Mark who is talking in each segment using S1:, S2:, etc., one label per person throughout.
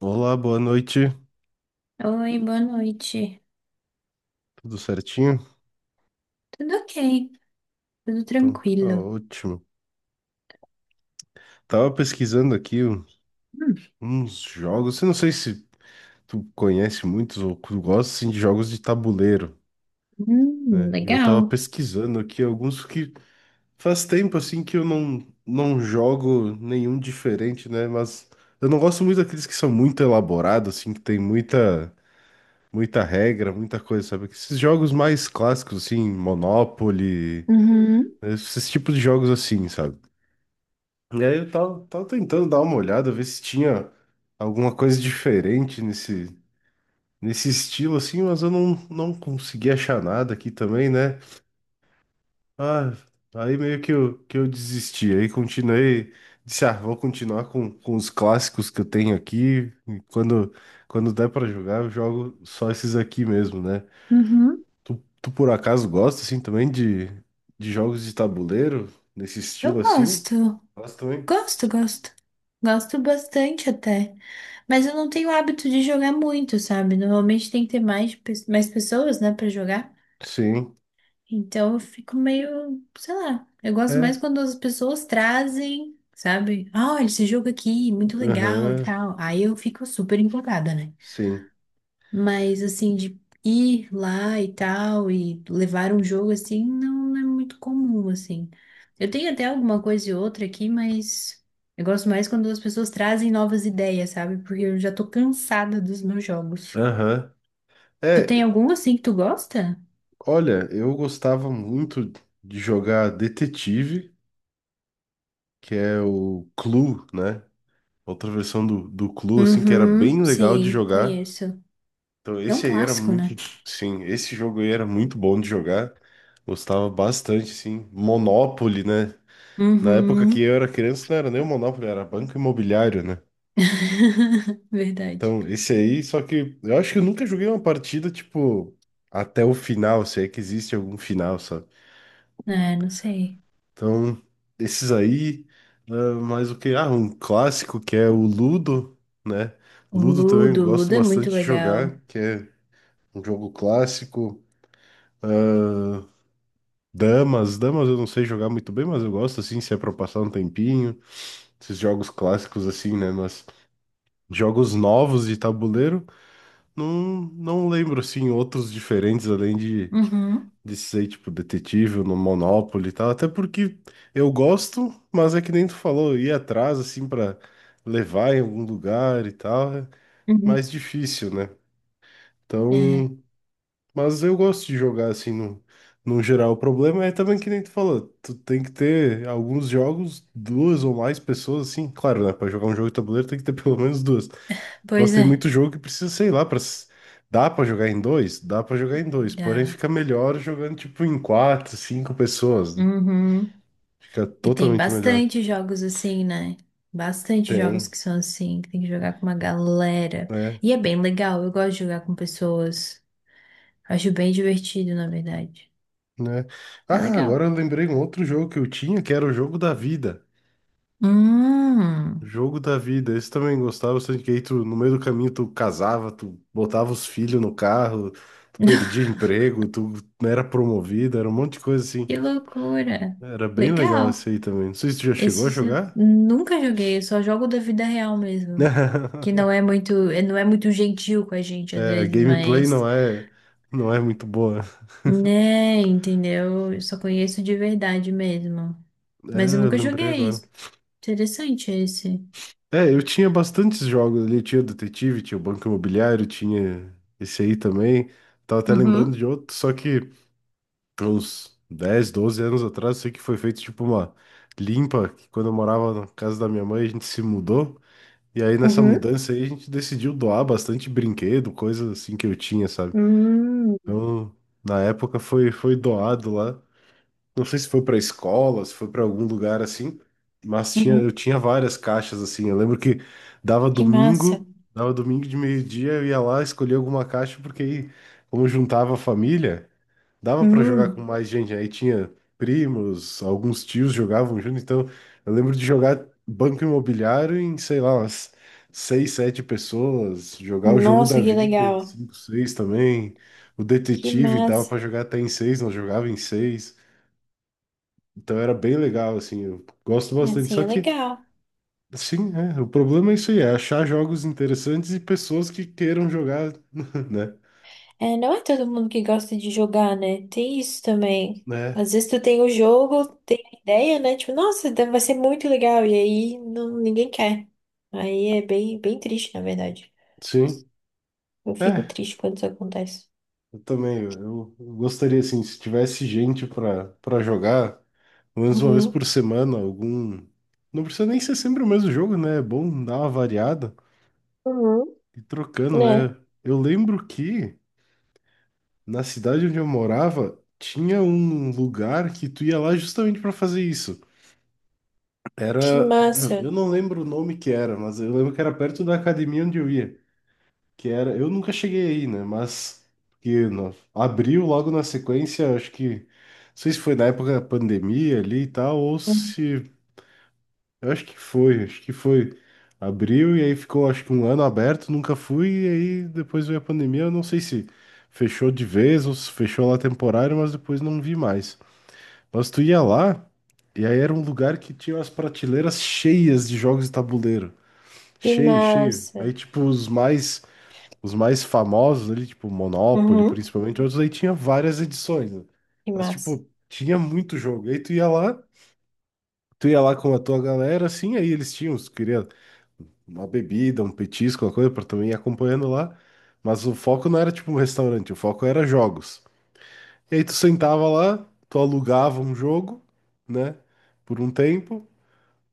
S1: Olá, boa noite.
S2: Oi, boa noite.
S1: Tudo certinho?
S2: Tudo ok, tudo
S1: Então tá
S2: tranquilo.
S1: ótimo. Tava pesquisando aqui
S2: Hum.
S1: uns jogos. Eu não sei se tu conhece muitos ou tu gosta assim, de jogos de tabuleiro, né? Eu tava
S2: Legal.
S1: pesquisando aqui alguns que faz tempo assim que eu não jogo nenhum diferente, né? Mas eu não gosto muito daqueles que são muito elaborados, assim, que tem muita muita regra, muita coisa, sabe? Esses jogos mais clássicos, assim, Monopoly,
S2: Uhum.
S1: né? Esses tipos de jogos assim, sabe? E aí eu tava tentando dar uma olhada, ver se tinha alguma coisa diferente nesse estilo, assim, mas eu não consegui achar nada aqui também, né? Ah, aí meio que eu desisti, aí continuei, disse, ah, vou continuar com os clássicos que eu tenho aqui, e quando der pra jogar, eu jogo só esses aqui mesmo, né?
S2: Uhum.
S1: Tu, tu por acaso gosta, assim, também de jogos de tabuleiro, nesse
S2: Eu
S1: estilo, assim?
S2: gosto,
S1: Gosto também?
S2: gosto, gosto. Gosto bastante até. Mas eu não tenho hábito de jogar muito, sabe? Normalmente tem que ter mais, mais pessoas, né, pra jogar.
S1: Sim.
S2: Então eu fico meio, sei lá. Eu gosto mais
S1: É.
S2: quando as pessoas trazem, sabe? Ah, olha esse jogo aqui, muito legal e
S1: Aham.
S2: tal. Aí eu fico super empolgada, né?
S1: Sim.
S2: Mas assim, de ir lá e tal, e levar um jogo assim, não é muito comum, assim. Eu tenho até alguma coisa e outra aqui, mas eu gosto mais quando as pessoas trazem novas ideias, sabe? Porque eu já tô cansada dos meus jogos.
S1: Aham.
S2: Tu tem
S1: É,
S2: algum assim que tu gosta?
S1: olha, eu gostava muito de jogar Detetive, que é o Clue, né? Outra versão do Clue, assim, que era
S2: Uhum,
S1: bem legal de
S2: sim,
S1: jogar.
S2: conheço.
S1: Então,
S2: É um
S1: esse aí era
S2: clássico, né?
S1: muito. Sim, esse jogo aí era muito bom de jogar. Gostava bastante, assim. Monopoly, né? Na época que
S2: Uhum.
S1: eu era criança, não era nem o Monopoly, era Banco Imobiliário, né?
S2: Verdade.
S1: Então, esse aí, só que eu acho que eu nunca joguei uma partida, tipo, até o final, se é que existe algum final, sabe?
S2: É, não sei.
S1: Então, esses aí, ah, mais o que? Ah, um clássico que é o Ludo, né? Ludo também
S2: O
S1: gosto
S2: Ludo é muito
S1: bastante de
S2: legal.
S1: jogar, que é um jogo clássico. Damas, damas eu não sei jogar muito bem, mas eu gosto assim, se é pra passar um tempinho. Esses jogos clássicos assim, né? Mas jogos novos de tabuleiro, não lembro assim outros diferentes além de
S2: Uhum.
S1: de ser, tipo, detetive no Monopoly e tal, até porque eu gosto, mas é que nem tu falou, ir atrás, assim, pra levar em algum lugar e tal, é
S2: Uhum.
S1: mais difícil, né?
S2: É.
S1: Então, mas eu gosto de jogar, assim, no geral. O problema é também que nem tu falou, tu tem que ter alguns jogos, duas ou mais pessoas, assim, claro, né? Pra jogar um jogo de tabuleiro tem que ter pelo menos duas, nossa,
S2: Pois
S1: tem
S2: é.
S1: muito jogo que precisa, sei lá, dá pra jogar em dois? Dá pra jogar em dois, porém
S2: Dá.
S1: fica melhor jogando tipo em quatro, cinco pessoas, né?
S2: Uhum.
S1: Fica
S2: E tem
S1: totalmente melhor.
S2: bastante jogos assim, né? Bastante jogos
S1: Tem,
S2: que são assim, que tem que jogar com uma galera.
S1: né?
S2: E é bem legal, eu gosto de jogar com pessoas. Acho bem divertido, na verdade.
S1: Né?
S2: É
S1: Ah,
S2: legal.
S1: agora eu lembrei um outro jogo que eu tinha, que era o jogo da vida.
S2: Hum.
S1: Jogo da vida. Esse também gostava bastante, que aí tu, no meio do caminho tu casava, tu botava os filhos no carro, tu perdia emprego, tu não era promovido, era um monte de coisa assim.
S2: Que loucura.
S1: Era bem legal esse
S2: Legal.
S1: aí também. Não sei se tu já chegou a
S2: Esse eu
S1: jogar.
S2: nunca joguei, eu só jogo da vida real mesmo. Que não é muito, não é muito gentil com a gente às
S1: A
S2: vezes,
S1: gameplay
S2: mas,
S1: não é, não é muito boa.
S2: né, entendeu? Eu só conheço de verdade mesmo. Mas eu
S1: É, eu
S2: nunca
S1: lembrei
S2: joguei.
S1: agora.
S2: Isso. Interessante esse.
S1: É, eu tinha bastantes jogos ali. Tinha o Detetive, tinha o Banco Imobiliário, tinha esse aí também. Tava até lembrando de
S2: Uhum,
S1: outro, só que uns 10, 12 anos atrás, sei que foi feito tipo uma limpa, que quando eu morava na casa da minha mãe, a gente se mudou. E aí nessa
S2: uhum,
S1: mudança aí a gente decidiu doar bastante brinquedo, coisas assim que eu tinha, sabe?
S2: hum,
S1: Então, na época foi doado lá. Não sei se foi para escola, se foi para algum lugar assim, mas tinha,
S2: uhum.
S1: eu tinha várias caixas assim. Eu lembro que dava
S2: Que massa.
S1: domingo, dava domingo de meio-dia, eu ia lá escolher alguma caixa, porque aí, como juntava a família, dava para jogar com
S2: Hum,
S1: mais gente. Aí tinha primos, alguns tios jogavam junto, então eu lembro de jogar Banco Imobiliário em, sei lá, umas seis, sete pessoas, jogar o jogo da
S2: nossa, que
S1: vida em
S2: legal.
S1: cinco, seis também. O
S2: Que
S1: detetive dava
S2: massa.
S1: para jogar até em seis, não jogava em seis. Então era bem legal, assim, eu gosto bastante.
S2: Assim,
S1: Só
S2: é
S1: que,
S2: legal.
S1: sim, é, o problema é isso aí, é achar jogos interessantes e pessoas que queiram jogar, né?
S2: É, não é todo mundo que gosta de jogar, né? Tem isso também.
S1: Né?
S2: Às vezes tu tem o jogo, tem a ideia, né? Tipo, nossa, deve- vai ser muito legal. E aí não, ninguém quer. Aí é bem, bem triste, na verdade.
S1: Sim.
S2: Eu fico
S1: É,
S2: triste quando isso acontece.
S1: eu também, eu gostaria, assim, se tivesse gente para jogar, pelo menos uma vez
S2: Uhum,
S1: por semana, algum... Não precisa nem ser sempre o mesmo jogo, né? É bom dar uma variada
S2: uhum,
S1: e trocando,
S2: né?
S1: né? Eu lembro que na cidade onde eu morava, tinha um lugar que tu ia lá justamente para fazer isso.
S2: Que
S1: Era,
S2: massa.
S1: eu não lembro o nome que era, mas eu lembro que era perto da academia onde eu ia, que era, eu nunca cheguei aí, né, mas que abriu logo na sequência, acho que, não sei se foi na época da pandemia ali e tal, ou se, eu acho que foi, abriu e aí ficou acho que um ano aberto, nunca fui, e aí depois veio a pandemia, eu não sei se fechou de vez ou se fechou lá temporário, mas depois não vi mais. Mas tu ia lá? E aí era um lugar que tinha as prateleiras cheias de jogos de tabuleiro.
S2: Que
S1: Cheio, cheio.
S2: massa.
S1: Aí, tipo, os mais famosos ali, tipo, Monopoly,
S2: Uhum.
S1: principalmente, outros aí tinha várias edições, né?
S2: Que
S1: Mas,
S2: massa.
S1: tipo, tinha muito jogo. Aí tu ia lá com a tua galera, assim, aí eles tinham, se tu queria uma bebida, um petisco, uma coisa, pra também ir acompanhando lá. Mas o foco não era, tipo, um restaurante, o foco era jogos. E aí tu sentava lá, tu alugava um jogo, né? Por um tempo.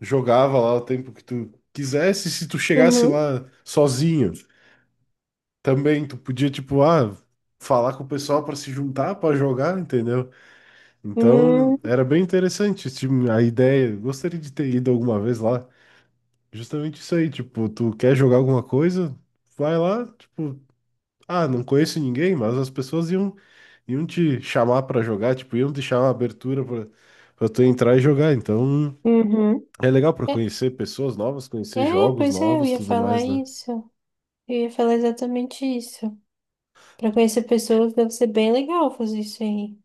S1: Jogava lá o tempo que tu quisesse, se tu chegasse
S2: Uhum.
S1: lá sozinho, também tu podia, tipo, ah, falar com o pessoal para se juntar para jogar, entendeu? Então,
S2: Hum,
S1: era bem interessante, tipo, a ideia. Gostaria de ter ido alguma vez lá. Justamente isso aí, tipo, tu quer jogar alguma coisa, vai lá, tipo, ah, não conheço ninguém, mas as pessoas iam, iam te chamar para jogar, tipo, iam te chamar a abertura para tu entrar e jogar. Então,
S2: uhum.
S1: é legal pra
S2: É,
S1: conhecer pessoas novas,
S2: é,
S1: conhecer jogos
S2: pois é, eu
S1: novos,
S2: ia
S1: tudo
S2: falar
S1: mais, né?
S2: isso. Eu ia falar exatamente isso. Pra conhecer pessoas deve ser bem legal fazer isso aí.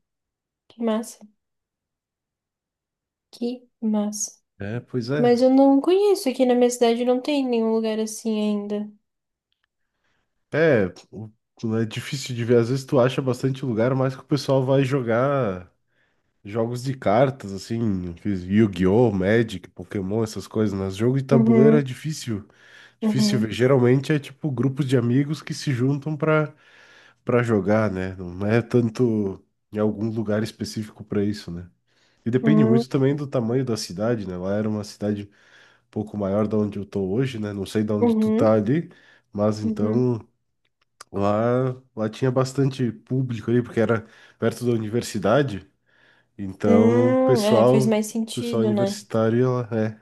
S2: Que massa. Que massa.
S1: É, pois é.
S2: Mas eu não conheço. Aqui na minha cidade não tem nenhum lugar assim ainda.
S1: É, o- né, é difícil de ver. Às vezes tu acha bastante lugar, mas que o pessoal vai jogar jogos de cartas, assim, aqueles Yu-Gi-Oh, Magic, Pokémon, essas coisas, né? Jogo de tabuleiro é
S2: Uhum.
S1: difícil, difícil ver.
S2: Uhum.
S1: Geralmente é tipo grupos de amigos que se juntam pra para jogar, né? Não é tanto em algum lugar específico pra isso, né? E depende
S2: Uhum.
S1: muito também do tamanho da cidade, né? Lá era uma cidade pouco maior da onde eu tô hoje, né? Não sei da onde tu tá
S2: Uhum.
S1: ali, mas
S2: Uhum.
S1: então lá tinha bastante público ali, porque era perto da universidade. Então, o
S2: É,
S1: pessoal,
S2: faz
S1: o
S2: mais
S1: pessoal
S2: sentido, né?
S1: universitário, ia lá, é.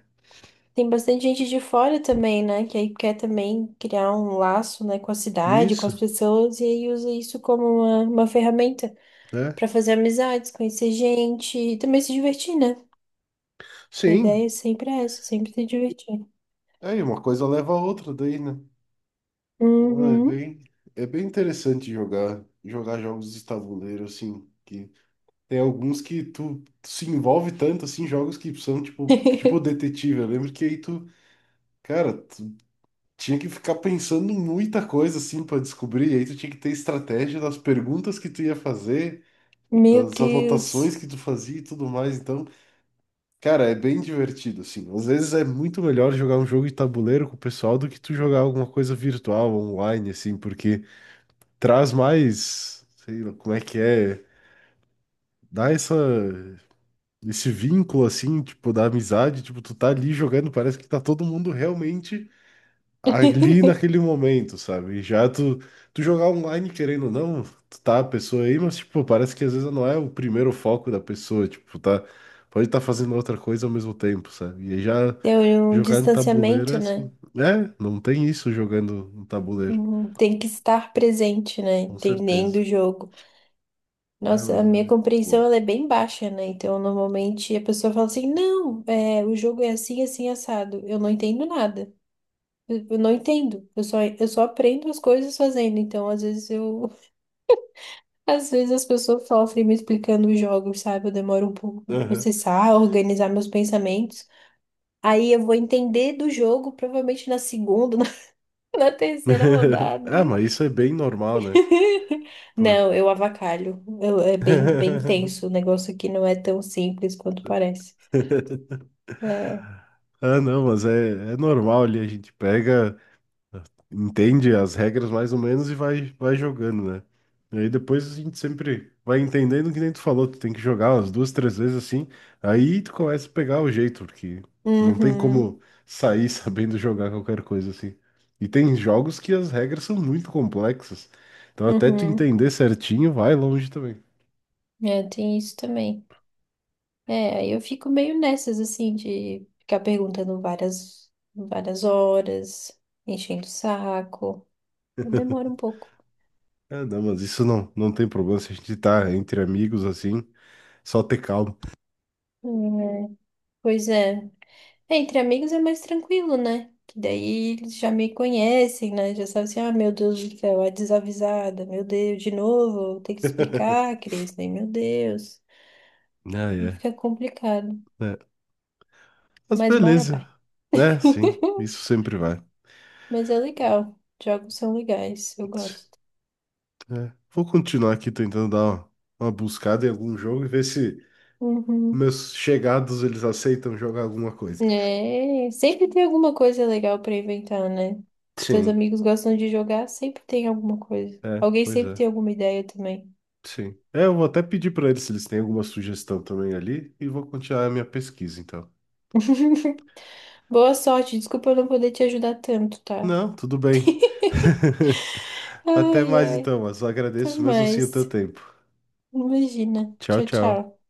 S2: Tem bastante gente de fora também, né? Que aí quer também criar um laço, né, com a cidade, com
S1: Isso,
S2: as pessoas, e aí usa isso como uma ferramenta
S1: é.
S2: para fazer amizades, conhecer gente e também se divertir, né? Que a
S1: Sim,
S2: ideia sempre é essa, sempre se divertir.
S1: aí uma coisa leva a outra daí, né? Ah, É
S2: Uhum.
S1: bem, é bem interessante jogar, jogos de tabuleiro, assim, que tem alguns que tu, se envolve tanto, assim, jogos que são, tipo, detetive, eu lembro que aí tu, cara, tinha que ficar pensando em muita coisa assim para descobrir, e aí tu tinha que ter estratégia das perguntas que tu ia fazer,
S2: Meu
S1: das anotações
S2: Deus.
S1: que tu fazia e tudo mais. Então, cara, é bem divertido assim. Às vezes é muito melhor jogar um jogo de tabuleiro com o pessoal do que tu jogar alguma coisa virtual, online assim, porque traz mais, sei lá, como é que é, dá essa esse vínculo assim, tipo, da amizade, tipo, tu tá ali jogando, parece que tá todo mundo realmente ali naquele momento, sabe? Já tu, tu jogar online querendo ou não, tu tá a pessoa aí, mas tipo, parece que às vezes não é o primeiro foco da pessoa, tipo, tá, pode estar fazendo outra coisa ao mesmo tempo, sabe? E aí já
S2: Tem um
S1: jogar no tabuleiro é
S2: distanciamento,
S1: assim,
S2: né?
S1: é, não tem isso jogando no tabuleiro,
S2: Uhum. Tem que estar presente, né?
S1: com
S2: Entendendo o
S1: certeza.
S2: jogo.
S1: Ah, mas,
S2: Nossa, a minha
S1: é,
S2: compreensão
S1: bom.
S2: ela é bem baixa, né? Então, normalmente a pessoa fala assim: não, é, o jogo é assim, assim, assado. Eu não entendo nada. Eu não entendo. Eu só aprendo as coisas fazendo. Então, às vezes as pessoas sofrem me explicando os jogos, sabe? Eu demoro um pouco para
S1: Aham.
S2: processar, organizar meus pensamentos. Aí eu vou entender do jogo, provavelmente na segunda, na terceira rodada.
S1: Ah, mas isso é bem normal, né? Pô.
S2: Não, eu avacalho. É bem, bem tenso. O negócio aqui não é tão simples quanto parece. É.
S1: Ah, não, mas é normal ali, a gente pega. Entende as regras mais ou menos e vai jogando, né? E aí depois a gente sempre vai entendendo que nem tu falou, tu tem que jogar umas duas, três vezes assim, aí tu começa a pegar o jeito, porque não tem
S2: Uhum,
S1: como sair sabendo jogar qualquer coisa assim. E tem jogos que as regras são muito complexas, então até tu
S2: uhum.
S1: entender certinho vai longe também.
S2: É, tem isso também. É, aí eu fico meio nessas, assim, de ficar perguntando várias, várias horas, enchendo o saco. Demora um pouco.
S1: Ah, não, mas isso não tem problema se a gente tá entre amigos assim, só ter calma.
S2: É, pois é. É, entre amigos é mais tranquilo, né? Que daí eles já me conhecem, né? Já sabem assim, ah, meu Deus do céu, a desavisada, meu Deus, de novo, tem que explicar, Cris, né? Meu Deus.
S1: Ah,
S2: Aí
S1: é.
S2: fica complicado.
S1: É. Mas
S2: Mas uma hora
S1: beleza,
S2: vai.
S1: né? Sim, isso sempre vai.
S2: Mas é legal. Jogos são legais, eu gosto.
S1: É. Vou continuar aqui tentando dar uma buscada em algum jogo e ver se
S2: Uhum.
S1: meus chegados eles aceitam jogar alguma coisa.
S2: É, sempre tem alguma coisa legal pra inventar, né? Seus
S1: Sim.
S2: amigos gostam de jogar, sempre tem alguma coisa.
S1: É,
S2: Alguém
S1: pois
S2: sempre
S1: é.
S2: tem alguma ideia também.
S1: Sim. É, eu vou até pedir pra eles se eles têm alguma sugestão também ali e vou continuar a minha pesquisa então.
S2: Boa sorte, desculpa eu não poder te ajudar tanto, tá?
S1: Não, tudo bem. Até
S2: Ai,
S1: mais
S2: ai,
S1: então, mas eu
S2: até
S1: agradeço mesmo assim o teu
S2: mais.
S1: tempo.
S2: Imagina.
S1: Tchau,
S2: Tchau,
S1: tchau.
S2: tchau.